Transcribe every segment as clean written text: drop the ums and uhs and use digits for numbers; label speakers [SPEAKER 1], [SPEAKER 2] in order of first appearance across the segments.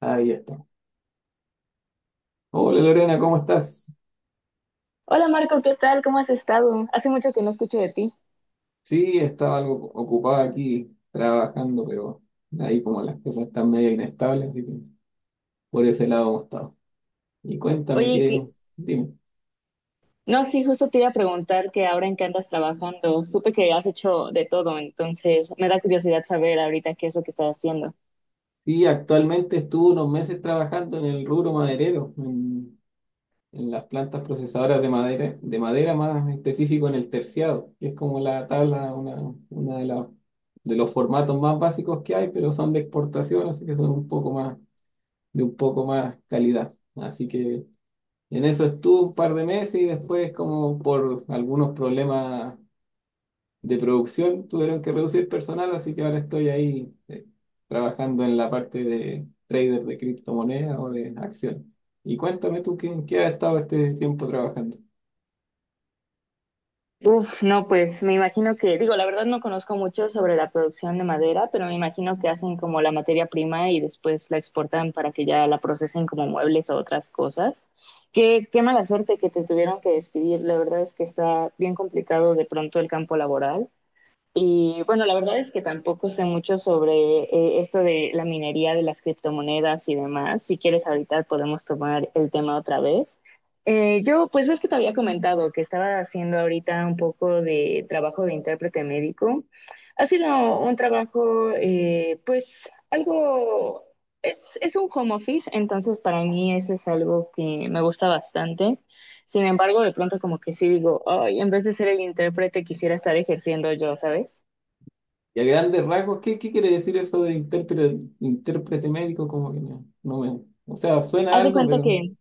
[SPEAKER 1] Ahí está. Hola Lorena, ¿cómo estás?
[SPEAKER 2] Hola Marco, ¿qué tal? ¿Cómo has estado? Hace mucho que no escucho de ti.
[SPEAKER 1] Sí, estaba algo ocupada aquí trabajando, pero ahí como las cosas están medio inestables, así que por ese lado hemos estado. Y cuéntame
[SPEAKER 2] Oye, que-
[SPEAKER 1] dime.
[SPEAKER 2] no, sí, justo te iba a preguntar que ahora en qué andas trabajando. Supe que has hecho de todo, entonces me da curiosidad saber ahorita qué es lo que estás haciendo.
[SPEAKER 1] Sí, actualmente estuve unos meses trabajando en el rubro maderero, en las plantas procesadoras de madera, más específico en el terciado, que es como la tabla, una de los formatos más básicos que hay, pero son de exportación, así que son un poco más de un poco más calidad. Así que en eso estuve un par de meses y después, como por algunos problemas de producción, tuvieron que reducir personal, así que ahora estoy ahí trabajando en la parte de trader de criptomonedas o de acciones. Y cuéntame tú, ¿en qué has estado este tiempo trabajando?
[SPEAKER 2] Uf, no, pues me imagino que, digo, la verdad no conozco mucho sobre la producción de madera, pero me imagino que hacen como la materia prima y después la exportan para que ya la procesen como muebles o otras cosas. Qué mala suerte que te tuvieron que despedir. La verdad es que está bien complicado de pronto el campo laboral. Y bueno, la verdad es que tampoco sé mucho sobre esto de la minería de las criptomonedas y demás. Si quieres, ahorita podemos tomar el tema otra vez. Yo, pues ves que te había comentado que estaba haciendo ahorita un poco de trabajo de intérprete médico. Ha sido un trabajo, pues es un home office, entonces para mí eso es algo que me gusta bastante. Sin embargo, de pronto como que sí digo, ay, en vez de ser el intérprete quisiera estar ejerciendo yo, ¿sabes?
[SPEAKER 1] Y a grandes rasgos, ¿qué quiere decir eso de intérprete médico? Como que no me... O sea, suena
[SPEAKER 2] Haz de
[SPEAKER 1] algo,
[SPEAKER 2] cuenta
[SPEAKER 1] pero
[SPEAKER 2] que,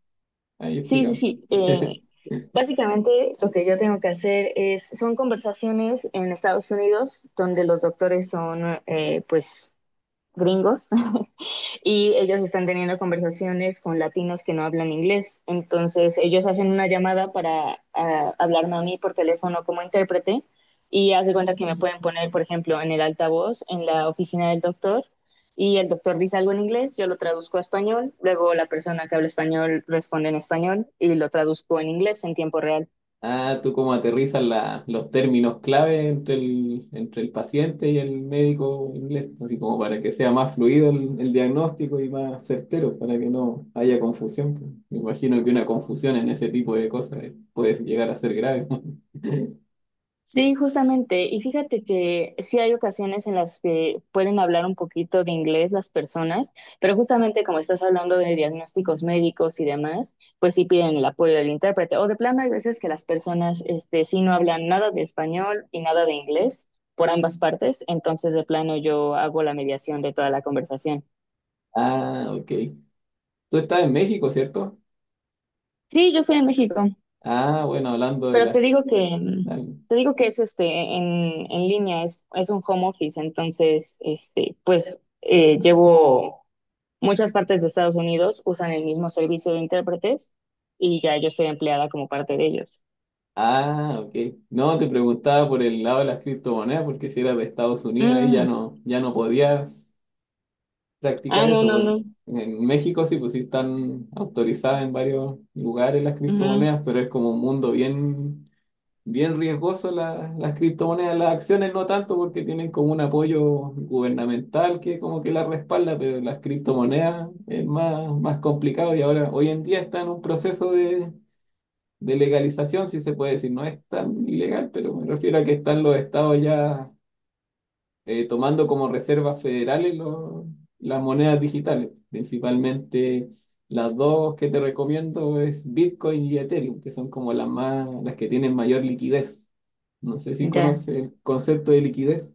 [SPEAKER 1] ahí
[SPEAKER 2] sí, sí,
[SPEAKER 1] explícame.
[SPEAKER 2] sí. Básicamente lo que yo tengo que hacer es, son conversaciones en Estados Unidos donde los doctores son pues gringos y ellos están teniendo conversaciones con latinos que no hablan inglés. Entonces ellos hacen una llamada para hablarme a mí por teléfono como intérprete y hace cuenta que me pueden poner, por ejemplo, en el altavoz, en la oficina del doctor y el doctor dice algo en inglés, yo lo traduzco a español, luego la persona que habla español responde en español y lo traduzco en inglés en tiempo real.
[SPEAKER 1] Ah, tú cómo aterrizas los términos clave entre el paciente y el médico inglés, así como para que sea más fluido el diagnóstico y más certero, para que no haya confusión, pues. Me imagino que una confusión en ese tipo de cosas puede llegar a ser grave.
[SPEAKER 2] Sí, justamente. Y fíjate que sí hay ocasiones en las que pueden hablar un poquito de inglés las personas, pero justamente como estás hablando de diagnósticos médicos y demás, pues sí piden el apoyo del intérprete. O de plano hay veces que las personas, este, sí no hablan nada de español y nada de inglés por ambas partes, entonces de plano yo hago la mediación de toda la conversación.
[SPEAKER 1] Ah, ok. Tú estás en México, ¿cierto?
[SPEAKER 2] Sí, yo soy en México.
[SPEAKER 1] Ah, bueno, hablando de
[SPEAKER 2] Pero te
[SPEAKER 1] las...
[SPEAKER 2] digo que, mm, te digo que es este en línea, es un home office, entonces este, pues llevo muchas partes de Estados Unidos, usan el mismo servicio de intérpretes y ya yo estoy empleada como parte de ellos.
[SPEAKER 1] Ah, ok. No, te preguntaba por el lado de las criptomonedas, porque si eras de Estados Unidos ahí ya
[SPEAKER 2] Mm.
[SPEAKER 1] no, ya no podías
[SPEAKER 2] Ah,
[SPEAKER 1] practicar
[SPEAKER 2] no,
[SPEAKER 1] eso,
[SPEAKER 2] no,
[SPEAKER 1] pues,
[SPEAKER 2] no.
[SPEAKER 1] en México sí, pues sí están autorizadas en varios lugares las
[SPEAKER 2] Ujú,
[SPEAKER 1] criptomonedas, pero es como un mundo bien, bien riesgoso las criptomonedas. Las acciones no tanto porque tienen como un apoyo gubernamental que como que las respalda, pero las criptomonedas es más complicado y ahora hoy en día está en un proceso de legalización, si se puede decir, no es tan ilegal, pero me refiero a que están los estados ya tomando como reservas federales las monedas digitales. Principalmente las dos que te recomiendo es Bitcoin y Ethereum, que son como las que tienen mayor liquidez. No sé si
[SPEAKER 2] ya.
[SPEAKER 1] conoces el concepto de liquidez.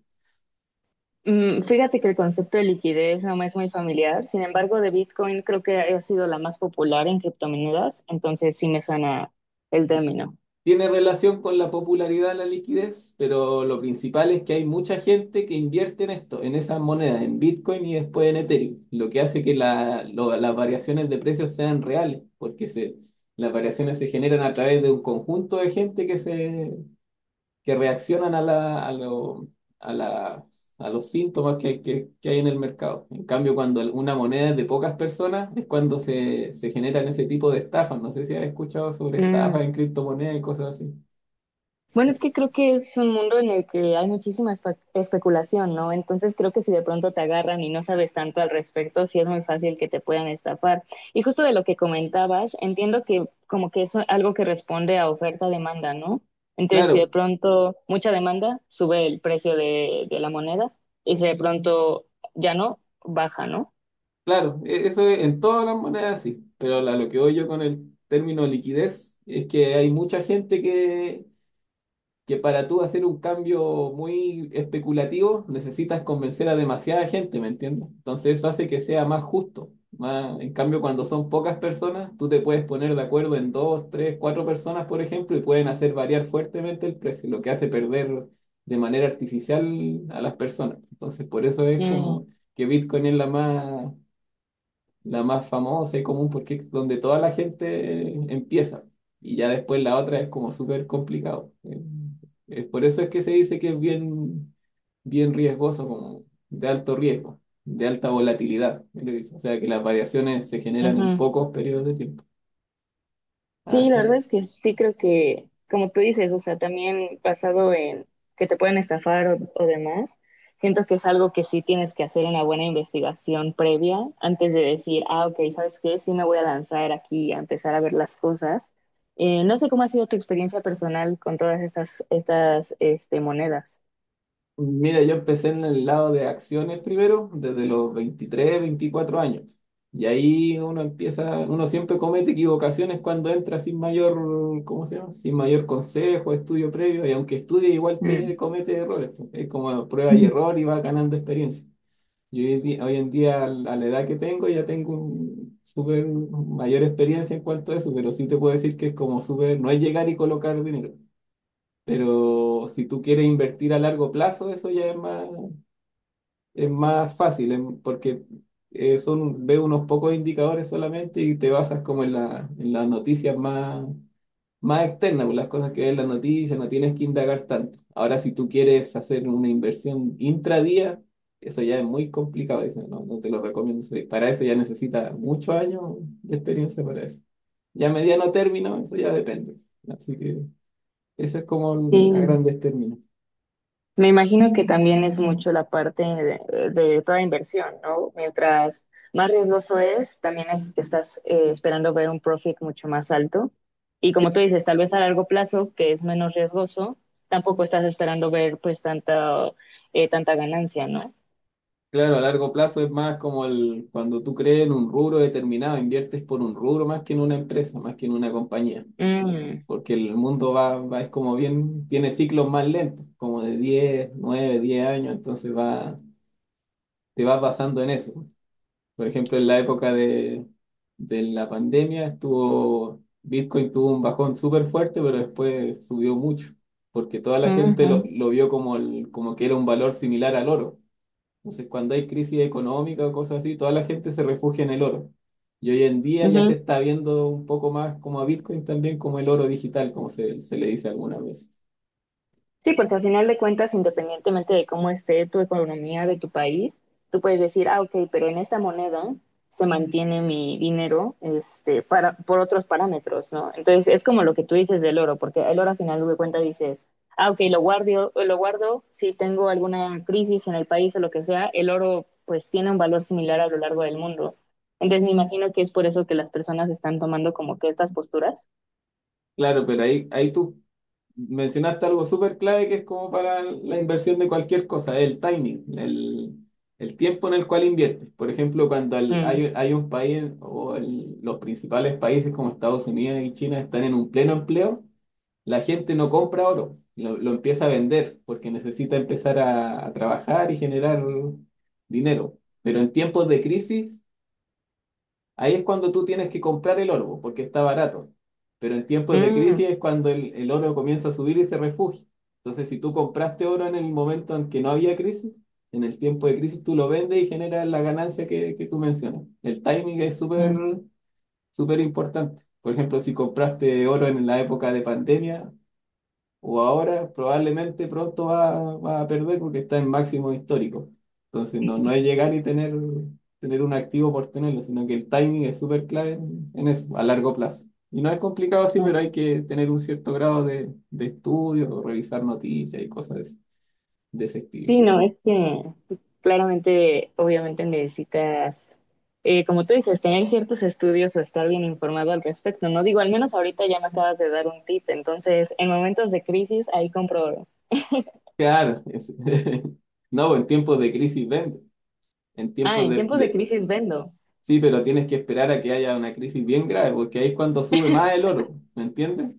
[SPEAKER 2] Mm, fíjate que el concepto de liquidez no me es muy familiar, sin embargo, de Bitcoin creo que ha sido la más popular en criptomonedas, entonces sí me suena el término.
[SPEAKER 1] Tiene relación con la popularidad de la liquidez, pero lo principal es que hay mucha gente que invierte en esto, en esas monedas, en Bitcoin y después en Ethereum, lo que hace que las variaciones de precios sean reales, las variaciones se generan a través de un conjunto de gente que reaccionan a, la, a, lo- a, la- a los síntomas que hay en el mercado. En cambio, cuando una moneda es de pocas personas, es cuando se generan ese tipo de estafas. No sé si has escuchado sobre
[SPEAKER 2] Mm.
[SPEAKER 1] estafas en criptomonedas y cosas así.
[SPEAKER 2] Bueno, es que creo que es un mundo en el que hay muchísima especulación, ¿no? Entonces creo que si de pronto te agarran y no sabes tanto al respecto, sí es muy fácil que te puedan estafar. Y justo de lo que comentabas, entiendo que como que es algo que responde a oferta-demanda, ¿no? Entonces si de
[SPEAKER 1] Claro,
[SPEAKER 2] pronto mucha demanda, sube el precio de la moneda y si de pronto ya no, baja, ¿no?
[SPEAKER 1] claro, eso es en todas las monedas sí, pero a lo que voy yo con el término liquidez es que hay mucha gente que para tú hacer un cambio muy especulativo necesitas convencer a demasiada gente, ¿me entiendes? Entonces eso hace que sea más justo. En cambio, cuando son pocas personas, tú te puedes poner de acuerdo en dos, tres, cuatro personas, por ejemplo, y pueden hacer variar fuertemente el precio, lo que hace perder de manera artificial a las personas. Entonces, por eso es
[SPEAKER 2] Mm.
[SPEAKER 1] como que Bitcoin es la más famosa y común porque es donde toda la gente empieza. Y ya después la otra es como súper complicado. Es por eso es que se dice que es bien, bien riesgoso, como de alto riesgo, de alta volatilidad, es lo que dice. O sea que las variaciones se generan en
[SPEAKER 2] Ujú.
[SPEAKER 1] pocos periodos de tiempo.
[SPEAKER 2] Sí, la
[SPEAKER 1] Así
[SPEAKER 2] verdad
[SPEAKER 1] que
[SPEAKER 2] es que sí creo que, como tú dices, o sea, también basado en que te pueden estafar o demás, siento que es algo que sí tienes que hacer una buena investigación previa antes de decir, ah, ok, ¿sabes qué? Sí me voy a lanzar aquí a empezar a ver las cosas. No sé cómo ha sido tu experiencia personal con todas estas monedas.
[SPEAKER 1] Mira, yo empecé en el lado de acciones primero, desde los 23, 24 años. Y ahí uno empieza, uno siempre comete equivocaciones cuando entra sin mayor, ¿cómo se llama? Sin mayor consejo, estudio previo, y aunque estudie igual
[SPEAKER 2] Mm.
[SPEAKER 1] te comete errores, pues. Es como prueba y error y va ganando experiencia. Yo hoy en día, a la edad que tengo, ya tengo un súper mayor experiencia en cuanto a eso, pero sí te puedo decir que es como súper, no es llegar y colocar dinero. Pero si tú quieres invertir a largo plazo, eso ya es más fácil, porque ve unos pocos indicadores solamente y te basas como en las noticias más, más externas, pues, las cosas que ves en las noticias, no tienes que indagar tanto. Ahora, si tú quieres hacer una inversión intradía, eso ya es muy complicado, eso no te lo recomiendo. Para eso ya necesitas muchos años de experiencia para eso. Ya a mediano término, eso ya depende. Así que eso es como a
[SPEAKER 2] Sí.
[SPEAKER 1] grandes términos.
[SPEAKER 2] Me imagino que también es mucho la parte de toda inversión, ¿no? Mientras más riesgoso es, también estás esperando ver un profit mucho más alto. Y como tú dices, tal vez a largo plazo, que es menos riesgoso, tampoco estás esperando ver pues tanta, tanta ganancia, ¿no?
[SPEAKER 1] Claro, a largo plazo es más como cuando tú crees en un rubro determinado, inviertes por un rubro más que en una empresa, más que en una compañía.
[SPEAKER 2] Mm,
[SPEAKER 1] Porque el mundo va, es como bien, tiene ciclos más lentos, como de 10, 9, 10 años, entonces te vas basando en eso. Por ejemplo, en la época de la pandemia Bitcoin tuvo un bajón súper fuerte, pero después subió mucho, porque toda la gente lo,
[SPEAKER 2] ujú,
[SPEAKER 1] lo vio como que era un valor similar al oro. Entonces, cuando hay crisis económica o cosas así, toda la gente se refugia en el oro. Y hoy en día ya se
[SPEAKER 2] ujú.
[SPEAKER 1] está viendo un poco más como a Bitcoin también, como el oro digital, como se le dice algunas veces.
[SPEAKER 2] Sí, porque al final de cuentas, independientemente de cómo esté tu economía de tu país, tú puedes decir, ah, ok, pero en esta moneda se mantiene mi dinero este, para, por otros parámetros, ¿no? Entonces, es como lo que tú dices del oro, porque el oro al final de cuentas dices, ah, ok, lo guardo, si tengo alguna crisis en el país o lo que sea, el oro pues tiene un valor similar a lo largo del mundo. Entonces, me imagino que es por eso que las personas están tomando como que estas posturas.
[SPEAKER 1] Claro, pero ahí tú mencionaste algo súper clave que es como para la inversión de cualquier cosa, el timing, el tiempo en el cual inviertes. Por ejemplo, cuando
[SPEAKER 2] Mm,
[SPEAKER 1] hay un país o los principales países como Estados Unidos y China están en un pleno empleo. La gente no compra oro, lo empieza a vender porque necesita empezar a trabajar y generar dinero. Pero en tiempos de crisis, ahí es cuando tú tienes que comprar el oro porque está barato. Pero en tiempos de
[SPEAKER 2] mm,
[SPEAKER 1] crisis es cuando el oro comienza a subir y se refugia. Entonces, si tú compraste oro en el momento en que no había crisis, en el tiempo de crisis tú lo vendes y generas la ganancia que tú mencionas. El timing es súper, súper importante. Por ejemplo, si compraste oro en la época de pandemia, o ahora probablemente pronto va a perder porque está en máximo histórico. Entonces no es llegar y tener un activo por tenerlo, sino que el timing es súper clave en eso, a largo plazo. Y no es complicado así,
[SPEAKER 2] mm.
[SPEAKER 1] pero hay que tener un cierto grado de estudio, o revisar noticias y cosas de ese estilo.
[SPEAKER 2] Sí, no, es que claramente, obviamente necesitas, como tú dices, tener ciertos estudios o estar bien informado al respecto, ¿no? Digo, al menos ahorita ya me acabas de dar un tip, entonces en momentos de crisis ahí compro.
[SPEAKER 1] Claro, no, en tiempos de crisis vende, en
[SPEAKER 2] Ah,
[SPEAKER 1] tiempos
[SPEAKER 2] en
[SPEAKER 1] de,
[SPEAKER 2] tiempos de
[SPEAKER 1] de...
[SPEAKER 2] crisis vendo.
[SPEAKER 1] Sí, pero tienes que esperar a que haya una crisis bien grave, porque ahí es cuando sube más el oro, ¿me entiendes?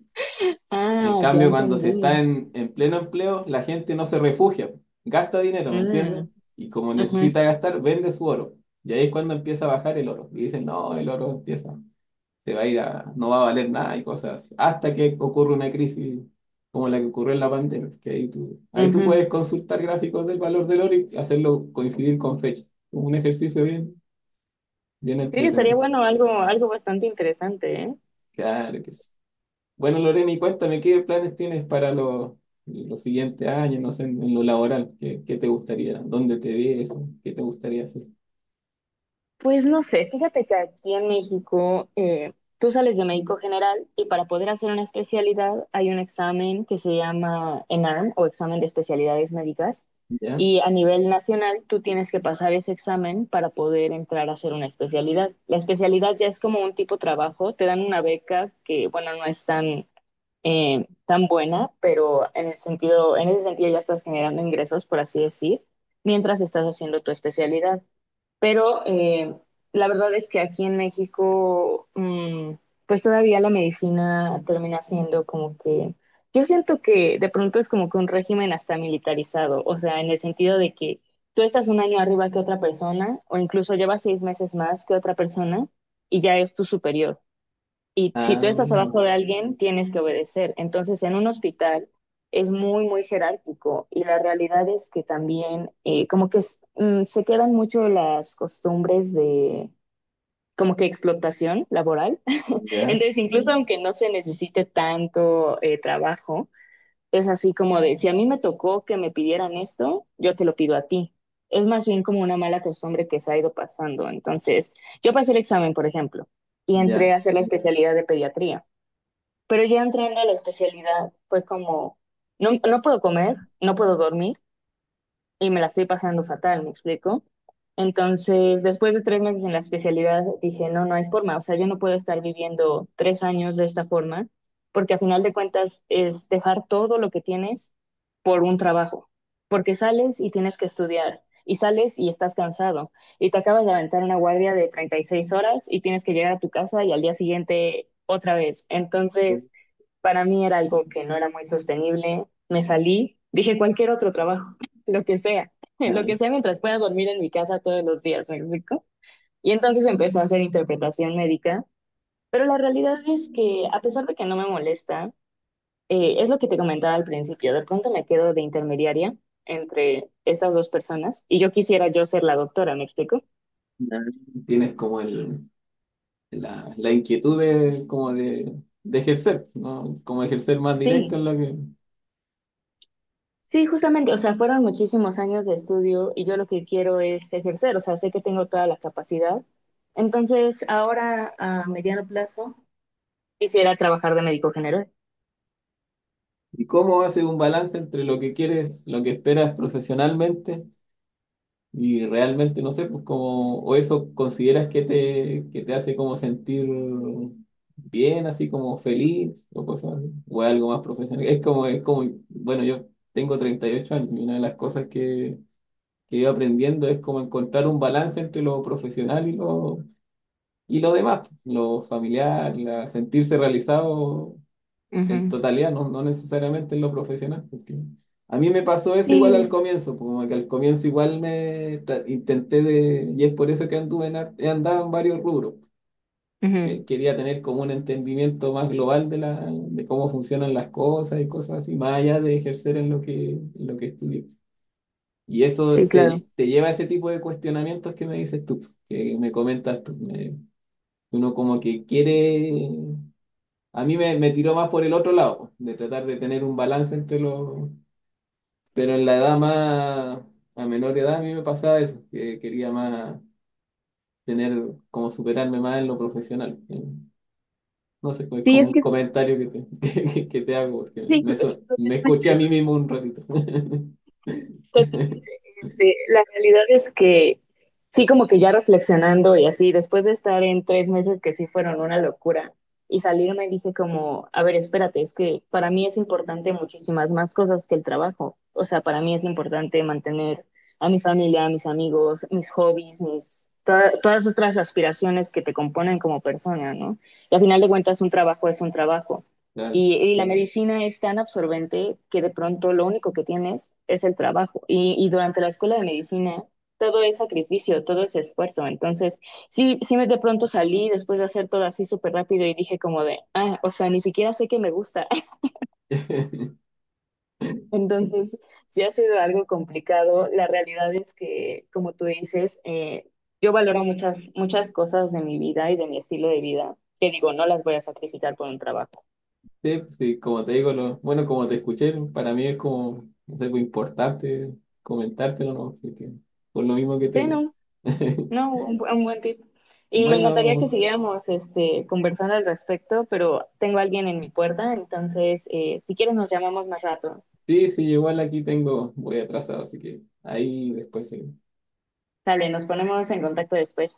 [SPEAKER 1] En
[SPEAKER 2] Ah, ya
[SPEAKER 1] cambio, cuando se está
[SPEAKER 2] entendí.
[SPEAKER 1] en pleno empleo, la gente no se refugia, gasta dinero, ¿me entiendes?
[SPEAKER 2] Mm,
[SPEAKER 1] Y como
[SPEAKER 2] ujú,
[SPEAKER 1] necesita gastar, vende su oro. Y ahí es cuando empieza a bajar el oro. Y dicen, no, el oro se va a ir a, no va a valer nada y cosas así. Hasta que ocurre una crisis como la que ocurrió en la pandemia, que ahí tú
[SPEAKER 2] ujú.
[SPEAKER 1] puedes consultar gráficos del valor del oro y hacerlo coincidir con fecha. Un ejercicio bien, bien
[SPEAKER 2] Sí, estaría
[SPEAKER 1] entretenido.
[SPEAKER 2] bueno algo, algo bastante interesante, ¿eh?
[SPEAKER 1] Claro que sí. Bueno, Lorena, y cuéntame, ¿qué planes tienes para los siguientes años, no sé, en lo laboral? ¿Qué te gustaría? ¿Dónde te ves? ¿Qué te gustaría hacer?
[SPEAKER 2] Pues no sé, fíjate que aquí en México tú sales de médico general y para poder hacer una especialidad hay un examen que se llama ENARM o examen de especialidades médicas
[SPEAKER 1] ¿Ya?
[SPEAKER 2] y a nivel nacional tú tienes que pasar ese examen para poder entrar a hacer una especialidad. La especialidad ya es como un tipo trabajo, te dan una beca que bueno, no es tan, tan buena, pero en el sentido, en ese sentido ya estás generando ingresos, por así decir, mientras estás haciendo tu especialidad. Pero la verdad es que aquí en México, mm, pues todavía la medicina termina siendo como que, yo siento que de pronto es como que un régimen hasta militarizado, o sea, en el sentido de que tú estás un año arriba que otra persona, o incluso llevas 6 meses más que otra persona, y ya es tu superior. Y si tú
[SPEAKER 1] Ah,
[SPEAKER 2] estás abajo de alguien, tienes que obedecer. Entonces, en un hospital es muy, muy jerárquico y la realidad es que también como que se quedan mucho las costumbres de como que explotación laboral.
[SPEAKER 1] ya,
[SPEAKER 2] Entonces, incluso aunque no se necesite tanto trabajo, es así como de, si a mí me tocó que me pidieran esto, yo te lo pido a ti. Es más bien como una mala costumbre que se ha ido pasando. Entonces, yo pasé el examen, por ejemplo, y entré
[SPEAKER 1] ya.
[SPEAKER 2] a hacer la especialidad de pediatría. Pero ya entrando a la especialidad, fue como, no, no puedo comer, no puedo dormir y me la estoy pasando fatal, ¿me explico? Entonces, después de 3 meses en la especialidad, dije, no, no hay forma, o sea, yo no puedo estar viviendo 3 años de esta forma, porque a final de cuentas es dejar todo lo que tienes por un trabajo, porque sales y tienes que estudiar, y sales y estás cansado, y te acabas de aventar una guardia de 36 horas y tienes que llegar a tu casa y al día siguiente otra vez. Entonces, para mí era algo que no era muy sostenible. Me salí, dije cualquier otro trabajo, lo que sea, lo
[SPEAKER 1] Ah,
[SPEAKER 2] que sea mientras pueda dormir en mi casa todos los días, ¿me explico? Y entonces empecé a hacer interpretación médica, pero la realidad es que a pesar de que no me molesta, es lo que te comentaba al principio, de pronto me quedo de intermediaria entre estas dos personas y yo quisiera yo ser la doctora, ¿me explico?
[SPEAKER 1] ya. Tienes como la inquietud de ejercer, ¿no? Como ejercer más directo
[SPEAKER 2] Sí.
[SPEAKER 1] en lo que...
[SPEAKER 2] Sí, justamente, o sea, fueron muchísimos años de estudio y yo lo que quiero es ejercer, o sea, sé que tengo toda la capacidad. Entonces, ahora a mediano plazo quisiera trabajar de médico general.
[SPEAKER 1] ¿Y cómo haces un balance entre lo que quieres, lo que esperas profesionalmente? Y realmente, no sé, pues como, o eso consideras que te hace como sentir bien, así como feliz, o cosas así, o es algo más profesional. Es como, bueno, yo tengo 38 años y una de las cosas que he ido aprendiendo es como encontrar un balance entre lo profesional y y lo demás, pues, lo familiar, sentirse realizado en
[SPEAKER 2] Ujú.
[SPEAKER 1] totalidad, no necesariamente en lo profesional. Porque a mí me pasó eso igual al
[SPEAKER 2] Sí,
[SPEAKER 1] comienzo, pues, como que al comienzo igual intenté de, y es por eso que he andado en varios rubros, que
[SPEAKER 2] ujú.
[SPEAKER 1] quería tener como un entendimiento más global de cómo funcionan las cosas y cosas así, más allá de ejercer en lo que estudié. Y eso
[SPEAKER 2] Sí, claro.
[SPEAKER 1] te lleva a ese tipo de cuestionamientos que me dices tú, que me comentas tú. Uno como que quiere a mí me tiró más por el otro lado, de tratar de tener un balance entre los... Pero en a menor edad, a mí me pasaba eso, que quería más tener, como superarme más en lo profesional. No sé, es
[SPEAKER 2] Sí,
[SPEAKER 1] como
[SPEAKER 2] es
[SPEAKER 1] un
[SPEAKER 2] que
[SPEAKER 1] comentario que que te hago, porque
[SPEAKER 2] sí, ju-
[SPEAKER 1] me escuché a
[SPEAKER 2] justamente.
[SPEAKER 1] mí mismo un ratito.
[SPEAKER 2] Totalmente. Este, la realidad es que sí, como que ya reflexionando y así, después de estar en 3 meses que sí fueron una locura y salirme dije como, a ver, espérate, es que para mí es importante muchísimas más cosas que el trabajo. O sea, para mí es importante mantener a mi familia, a mis amigos, mis hobbies, todas otras aspiraciones que te componen como persona, ¿no? Y al final de cuentas, un trabajo es un trabajo.
[SPEAKER 1] Claro.
[SPEAKER 2] Y la medicina es tan absorbente que de pronto lo único que tienes es el trabajo. Y durante la escuela de medicina todo es sacrificio, todo es esfuerzo. Entonces, sí me de pronto salí después de hacer todo así súper rápido y dije como de, ah, o sea, ni siquiera sé que me gusta. Entonces, sí ha sido algo complicado. La realidad es que, como tú dices, yo valoro muchas, muchas cosas de mi vida y de mi estilo de vida que digo, no las voy a sacrificar por un trabajo.
[SPEAKER 1] Sí, sí, como te digo, bueno, como te escuché, para mí es como, no sé, pues, importante comentártelo, ¿no? Así que, por lo mismo que te
[SPEAKER 2] Sí,
[SPEAKER 1] digo.
[SPEAKER 2] no. No, un buen tip. Y me encantaría que
[SPEAKER 1] Bueno,
[SPEAKER 2] siguiéramos este, conversando al respecto, pero tengo a alguien en mi puerta, entonces si quieres nos llamamos más rato.
[SPEAKER 1] sí, sí, igual aquí tengo, voy atrasado, así que ahí después sí.
[SPEAKER 2] Sale, nos ponemos en contacto después.